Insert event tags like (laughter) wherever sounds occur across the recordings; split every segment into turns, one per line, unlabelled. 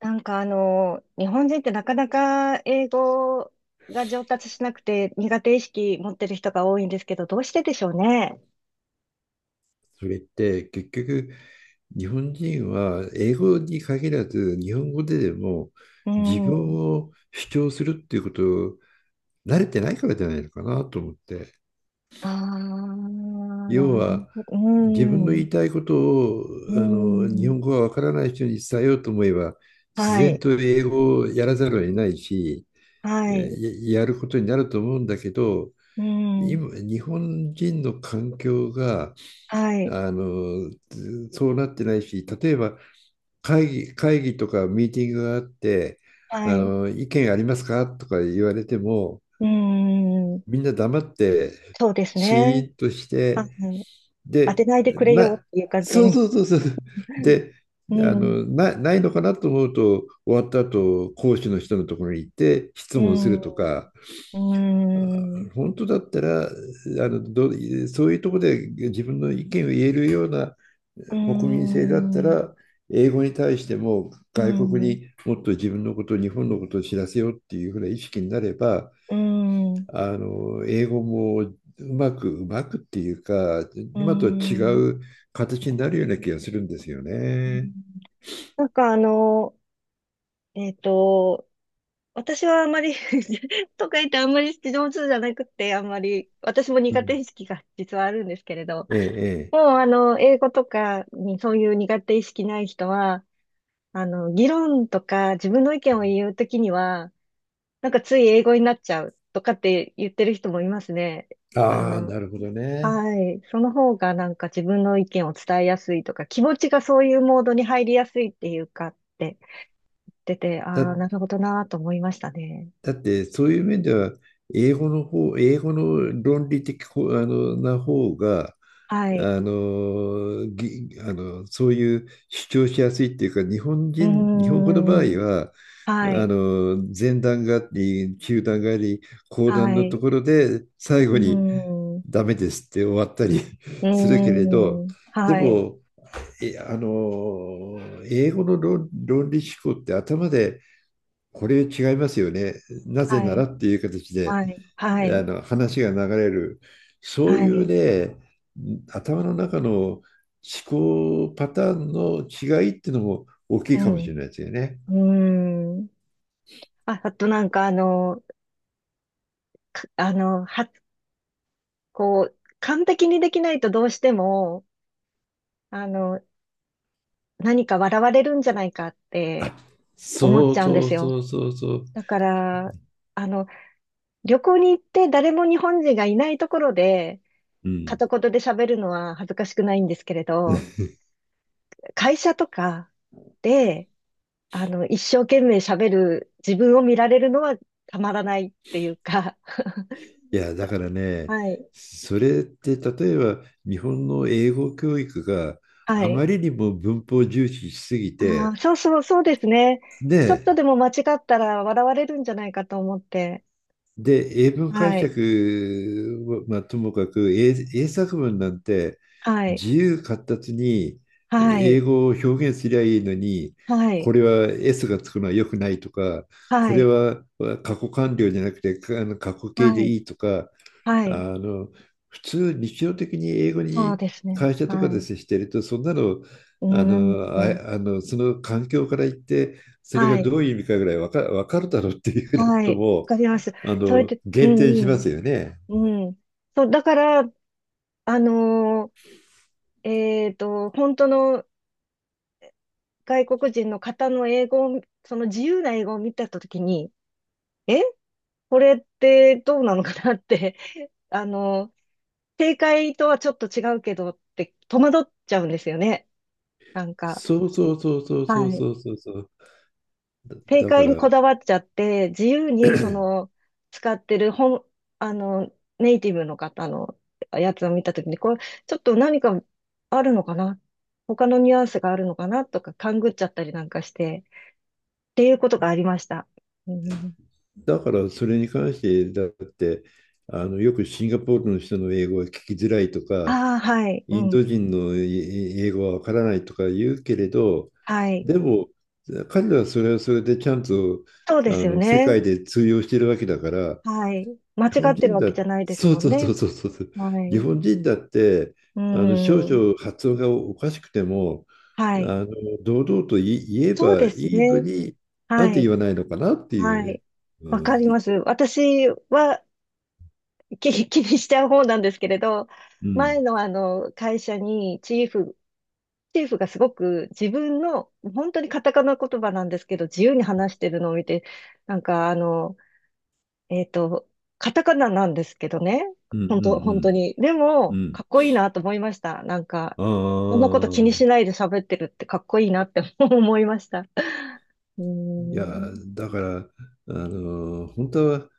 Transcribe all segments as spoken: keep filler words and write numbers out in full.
なんかあの、日本人ってなかなか英語が上達しなくて苦手意識持ってる人が多いんですけど、どうしてでしょうね。
それって結局日本人は英語に限らず日本語ででも
う
自分
ん。
を主張するっていうことを慣れてないからじゃないのかなと思って。
ああ、
要
なる
は
ほど。う
自分の言
ん。
いたいことを
う
あの日
ん。
本語がわからない人に伝えようと思えば、自
は
然
い。
と英語をやらざるを得ないし、え
はい。
ーややることになると思うんだけど、
うん。
今日本人の環境が
はい。
あのそうなってないし、例えば会議、会議とかミーティングがあって、あ
はい。
の、意見ありますかとか言われても、
うん。
みんな黙って、
そうです
シ
ね。
ーンとし
はい。
て、
当て
で、
ないでくれよ
な、
っていう感じ
そう
に。
そうそうそう。で、
う
あ
ん。
の、な、ないのかなと思うと、終わった後、講師の人のところに行って質
う
問す
ん。
るとか、
うん。うん。
本当だったら、あの、どうそういうところで自分の意見を言えるような
う
国民性だった
ん。
ら、英語に対しても
う
外国
ん。
にもっと自分のこと、日本のことを知らせようっていうふうな意識になれば、
うーん、う
あの英語もうまく、うまくっていうか、
ー
今とは違
ん。
う形になるような気がするんですよ
うん。
ね。
なんかあの、えっと、私はあんまり (laughs) とか言ってあんまり上手じゃなくて、あんまり、私も
う
苦手
ん、
意識が実はあるんですけれど、
ええ、え
もうあの、英語とかにそういう苦手意識ない人は、あの、議論とか自分の意見を言うときには、なんかつい英語になっちゃうとかって言ってる人もいますね。
え。
あ
ああ、
の、
なるほどね。
はい。その方がなんか自分の意見を伝えやすいとか、気持ちがそういうモードに入りやすいっていうかって出て、
だ
ああ、
っ
なるほどなーと思いましたね。
だってそういう面では英語の方、英語の論理的ほあのな方が、
はい。
あのぎあのそういう主張しやすいっていうか、日本
う
人、日
ー
本語の場合
ん。
は、
は
あ
い。
の前段があり、中段があり、後段
は
のと
い。
ころで最
うー
後に
ん。う
ダメですって終わったり
ー
(laughs) するけれど、
ん。
で
はい。
も、えあの英語の論、論理思考って頭でこれ違いますよね。なぜ
は
なら
い。
っていう形で、
はい。は
あ
い。
の話が流れる。そう
は
いう
い。
ね、頭の中の思考パターンの違いっていうのも大き
う
いかも
ん。
しれ
う
ないですよね。
ーん。あ、あとなんかあの、かあの、は、こう、完璧にできないとどうしても、あの、何か笑われるんじゃないかって、思っ
そ
ち
う
ゃうんで
そう
すよ。
そうそうそう。
だから、あの、旅行に行って誰も日本人がいないところで、
うん。
片言で喋るのは恥ずかしくないんですけれど、
(laughs)
会社とかで、あの、一生懸命喋る自分を見られるのはたまらないっていうか、(laughs)
いや、だからね、
はい、
それって例えば日本の英語教育が
は
あ
い。
まりにも文法重視しすぎ
ああ、
て、
そうそう、そうですね。ちょっと
ね、
でも間違ったら笑われるんじゃないかと思って、
で、英文解
はい、
釈は、まあ、ともかく英、英作文なんて
はい、
自由闊達に
はい、
英語を表現すりゃいいのに、
はい、
これは S がつくのは良くないとか、こ
は
れ
い、
は過去完了じゃなくてかあの過去形で
はい、
いいとか、
は
あ
い、
の、普通日常的に英語
そう
に
ですね。
会社とか
は
で
い。
接していると、そんなの、
うー
あの、
ん。
あ、あの、その環境から言って、それが
は
ど
い。
ういう意味かぐらいわか、わかるだろうっていうようなこ
は
と
い。わ
も、
かります。
あ
それ
の、
で、う
減
ん
点し
う
ま
ん。
すよね。
うん。そう、だから、あのーえっと、本当の外国人の方の英語を、その自由な英語を見たときに、えこれってどうなのかなって、(laughs) あのー正解とはちょっと違うけどって戸惑っちゃうんですよね。なんか。
そうそうそうそうそ
は
う
い。
そうそうそう。
正
だ、だか
解に
ら、
こだわっちゃって、自由にその使ってる本、あの、ネイティブの方のやつを見たときに、これちょっと何かあるのかな、他のニュアンスがあるのかなとか勘ぐっちゃったりなんかして、っていうことがありました。うん、
だからそれに関して、だって、あの、よくシンガポールの人の英語が聞きづらいとか、
ああ、はい、う
イン
ん、
ド人の英語はわからないとか言うけれど、
はい。
でも彼らはそれはそれでちゃんと
そうで
あ
すよ
の世
ね。
界で通用してるわけだから、
はい。間違
日本
ってる
人
わけ
だ、
じゃないです
そ
も
う
ん
そうそ
ね。
うそうそうそう、
は
日
い。
本人だって
う
あの少
ん。
々発音がおかしくても、
はい。
あの堂々と言い言え
そう
ば
です
いいの
ね。
に、なん
は
て言
い。
わないのかなって
は
いう
い。
ね。う
わかり
ん、
ます。私は、気、(laughs) 気にしちゃう方なんですけれど、
う
前
ん、
のあの会社にチーフ、チーフがすごく自分の、本当にカタカナ言葉なんですけど、自由に話してるのを見て、なんかあの、えっと、カタカナなんですけどね、
うん、う
本当、本当
ん、
に。で
うん。
も、
う
か
ん、
っこいいなと思いました。なんか、
あ
そんなこと気にし
あ、
ないで喋ってるってかっこいいなって (laughs) 思いました。(laughs) うー
いや、
ん、
だから、あの、本当は、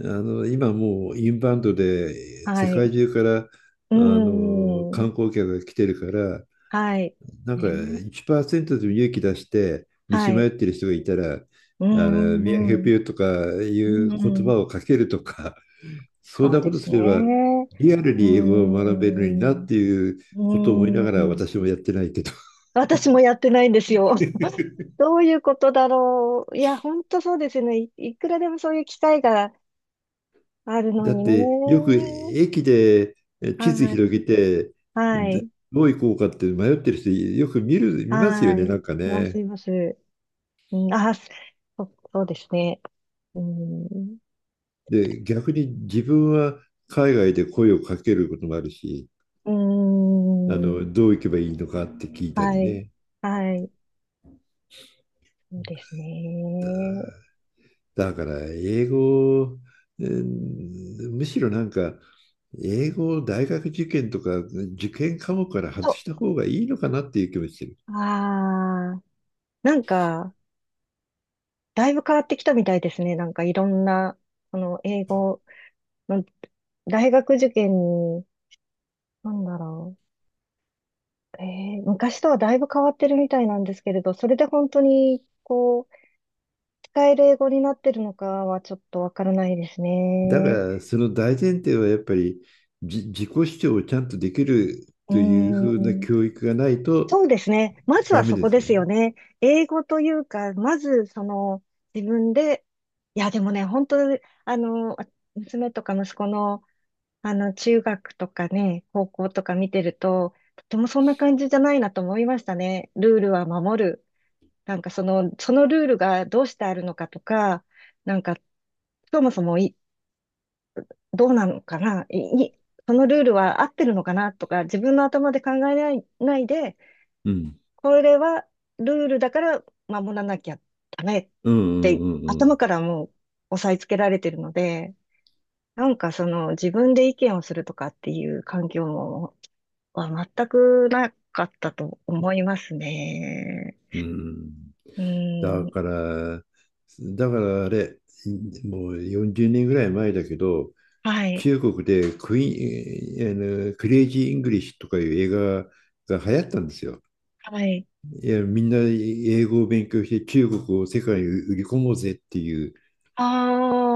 あの、今もうインバウンドで
は
世
い。
界中から、
う
あ
ー
の、
ん、
観光客が来てるから、
はい。
なんか
ね、
いちパーセントでも勇気出して道
は
迷
い。
ってる人がいたら、あ
うー
の、
ん、
ミアヘ
う
ピ
ん。
ューとかい
う
う言
ん、
葉をかけるとか、そん
そう
なこ
で
と
す
すれば、
ね。
リアル
うー
に英語を学べるのにな
ん、
っ
う
ていう
ー
ことを思いながら
ん。
私もやってないけど。
私もやってないんですよ。(laughs) どういうことだろう。いや、ほんとそうですね。い、いくらでもそういう機会があるの
だっ
に
てよく
ね。
駅でえ地図
は
広げ
い。
て
は
ど
い。
どう行こうかって迷ってる人よく見る、見ますよ
は
ね、な
い。
んか
います、
ね。
います。うん、あ、そそうですね。うん。
で、逆に自分は海外で声をかけることもあるし、
う
あ
ん。
の、どう行けばいいのかって聞いた
は
り
い。
ね。
はい。そうですね。
だから英語、うん、むしろなんか英語を大学受験とか受験科目から外
そ
した方がいいのかなっていう気もしてる。
う。ああ。なんか、だいぶ変わってきたみたいですね。なんかいろんな、その英語の大学受験に、なんだろう。えー昔とはだいぶ変わってるみたいなんですけれど、それで本当に、こう、使える英語になってるのかはちょっとわからないです
だか
ね。
らその大前提はやっぱりじ自己主張をちゃんとできる
う
というふ
ー
うな
ん。
教育がないと
そうですね。まず
ダ
は
メ
そ
で
こ
す
で
よ
すよ
ね。
ね。英語というか、まずその自分で、いやでもね、本当、あの、娘とか息子の、あの、中学とかね、高校とか見てると、とてもそんな感じじゃないなと思いましたね。ルールは守る。なんかその、そのルールがどうしてあるのかとか、なんか、そもそもい、どうなのかな、い、いそのルールは合ってるのかなとか、自分の頭で考えない、ないで、
うん。
これはルールだから守らなきゃダメっ
うん
て、
うんうん
頭からもう押さえつけられてるので、なんかその自分で意見をするとかっていう環境もは全くなかったと思いますね。
うん。うん、
う
だ
ん。
から、だからあれ、もうよんじゅうねんぐらい前だけど、
はい。
中国でクイーン、あの、クレイジー・イングリッシュとかいう映画が流行ったんですよ。
はい。
いや、みんな英語を勉強して中国を世界に売り込もうぜっていう。
あ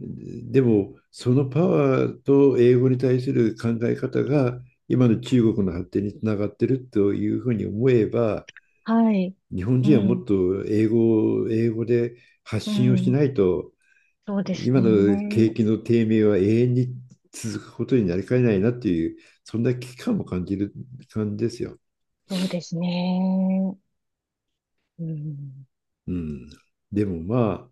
でも、そのパワーと英語に対する考え方が今の中国の発展につながってるというふうに思えば、
あ。はい。
日本
う
人はも
ん。
っと英語を英語で発
う
信をし
ん。
ないと、
そうです
今の
ね。
景気の低迷は永遠に続くことになりかねないなっていう、そんな危機感も感じる感じですよ。
そうですね。うん。
うん、でもまあ、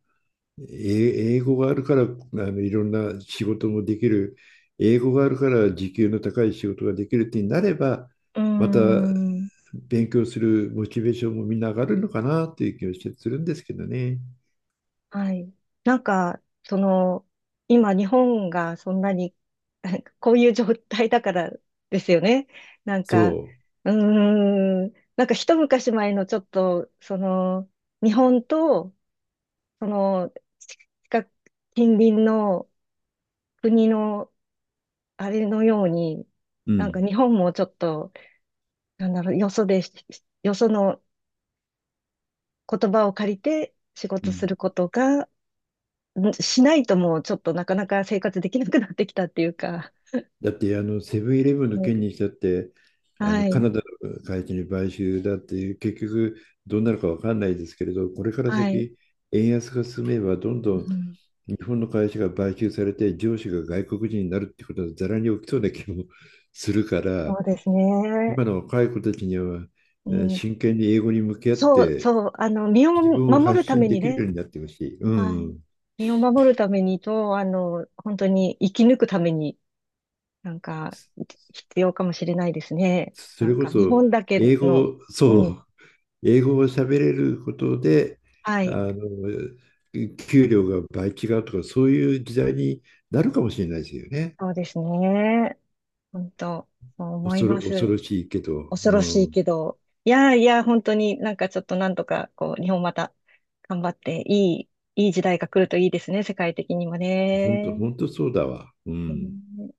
え英語があるから、あの、いろんな仕事もできる、英語があるから時給の高い仕事ができるってなれば、
う
また
ん。
勉強するモチベーションもみんな上がるのかなっていう気がしてするんですけどね。
はい。なんか、その、今日本がそんなに、(laughs) なんかこういう状態だからですよね。なんか、
そ
うーん、なんか一昔前のちょっと、その、日本と、その、近く、近隣の国の、あれのように、
う。う
なん
ん。
か日本もちょっと、なんだろう、よそでし、よその言葉を借りて仕
う
事す
ん。
ることが、んしないともうちょっとなかなか生活できなくなってきたっていうか。
だって、あの、セブンイレブンの件に
(laughs)
したって、あ
は
の、
い。
カ
はい。
ナダの会社に買収だっていう、結局どうなるかわかんないですけれど、これから
はい。
先、円安が進めば、どんど
う
ん
ん、
日本の会社が買収されて上司が外国人になるってことはざらに起きそうな気もするか
そ
ら、
うですね。
今の若い子たちには
う
えー
ん、
真剣に英語に向き合っ
そう、
て
そう。あの、身を
自分を
守
発
るた
信
め
で
に
きる
ね。
ようになってほしい。う
はい。
ん。
身を守るためにと、あの、本当に生き抜くために、なんか、必要かもしれないですね。
そ
な
れ
ん
こ
か、日
そ
本だけ
英
の、
語、そ
うん。
う、英語を喋れることで、
は
あ
い。
の、給料が倍違うとか、そういう時代になるかもしれないですよね。
そうですね。本当、そう思い
恐
ま
ろ、恐
す。
ろしいけど、
恐ろし
う
い
ん。
けど、いやいや、本当になんかちょっとなんとか、こう、日本また頑張って、いい、いい時代が来るといいですね、世界的にも
本当、
ね。
本当そうだわ。うん。
ね。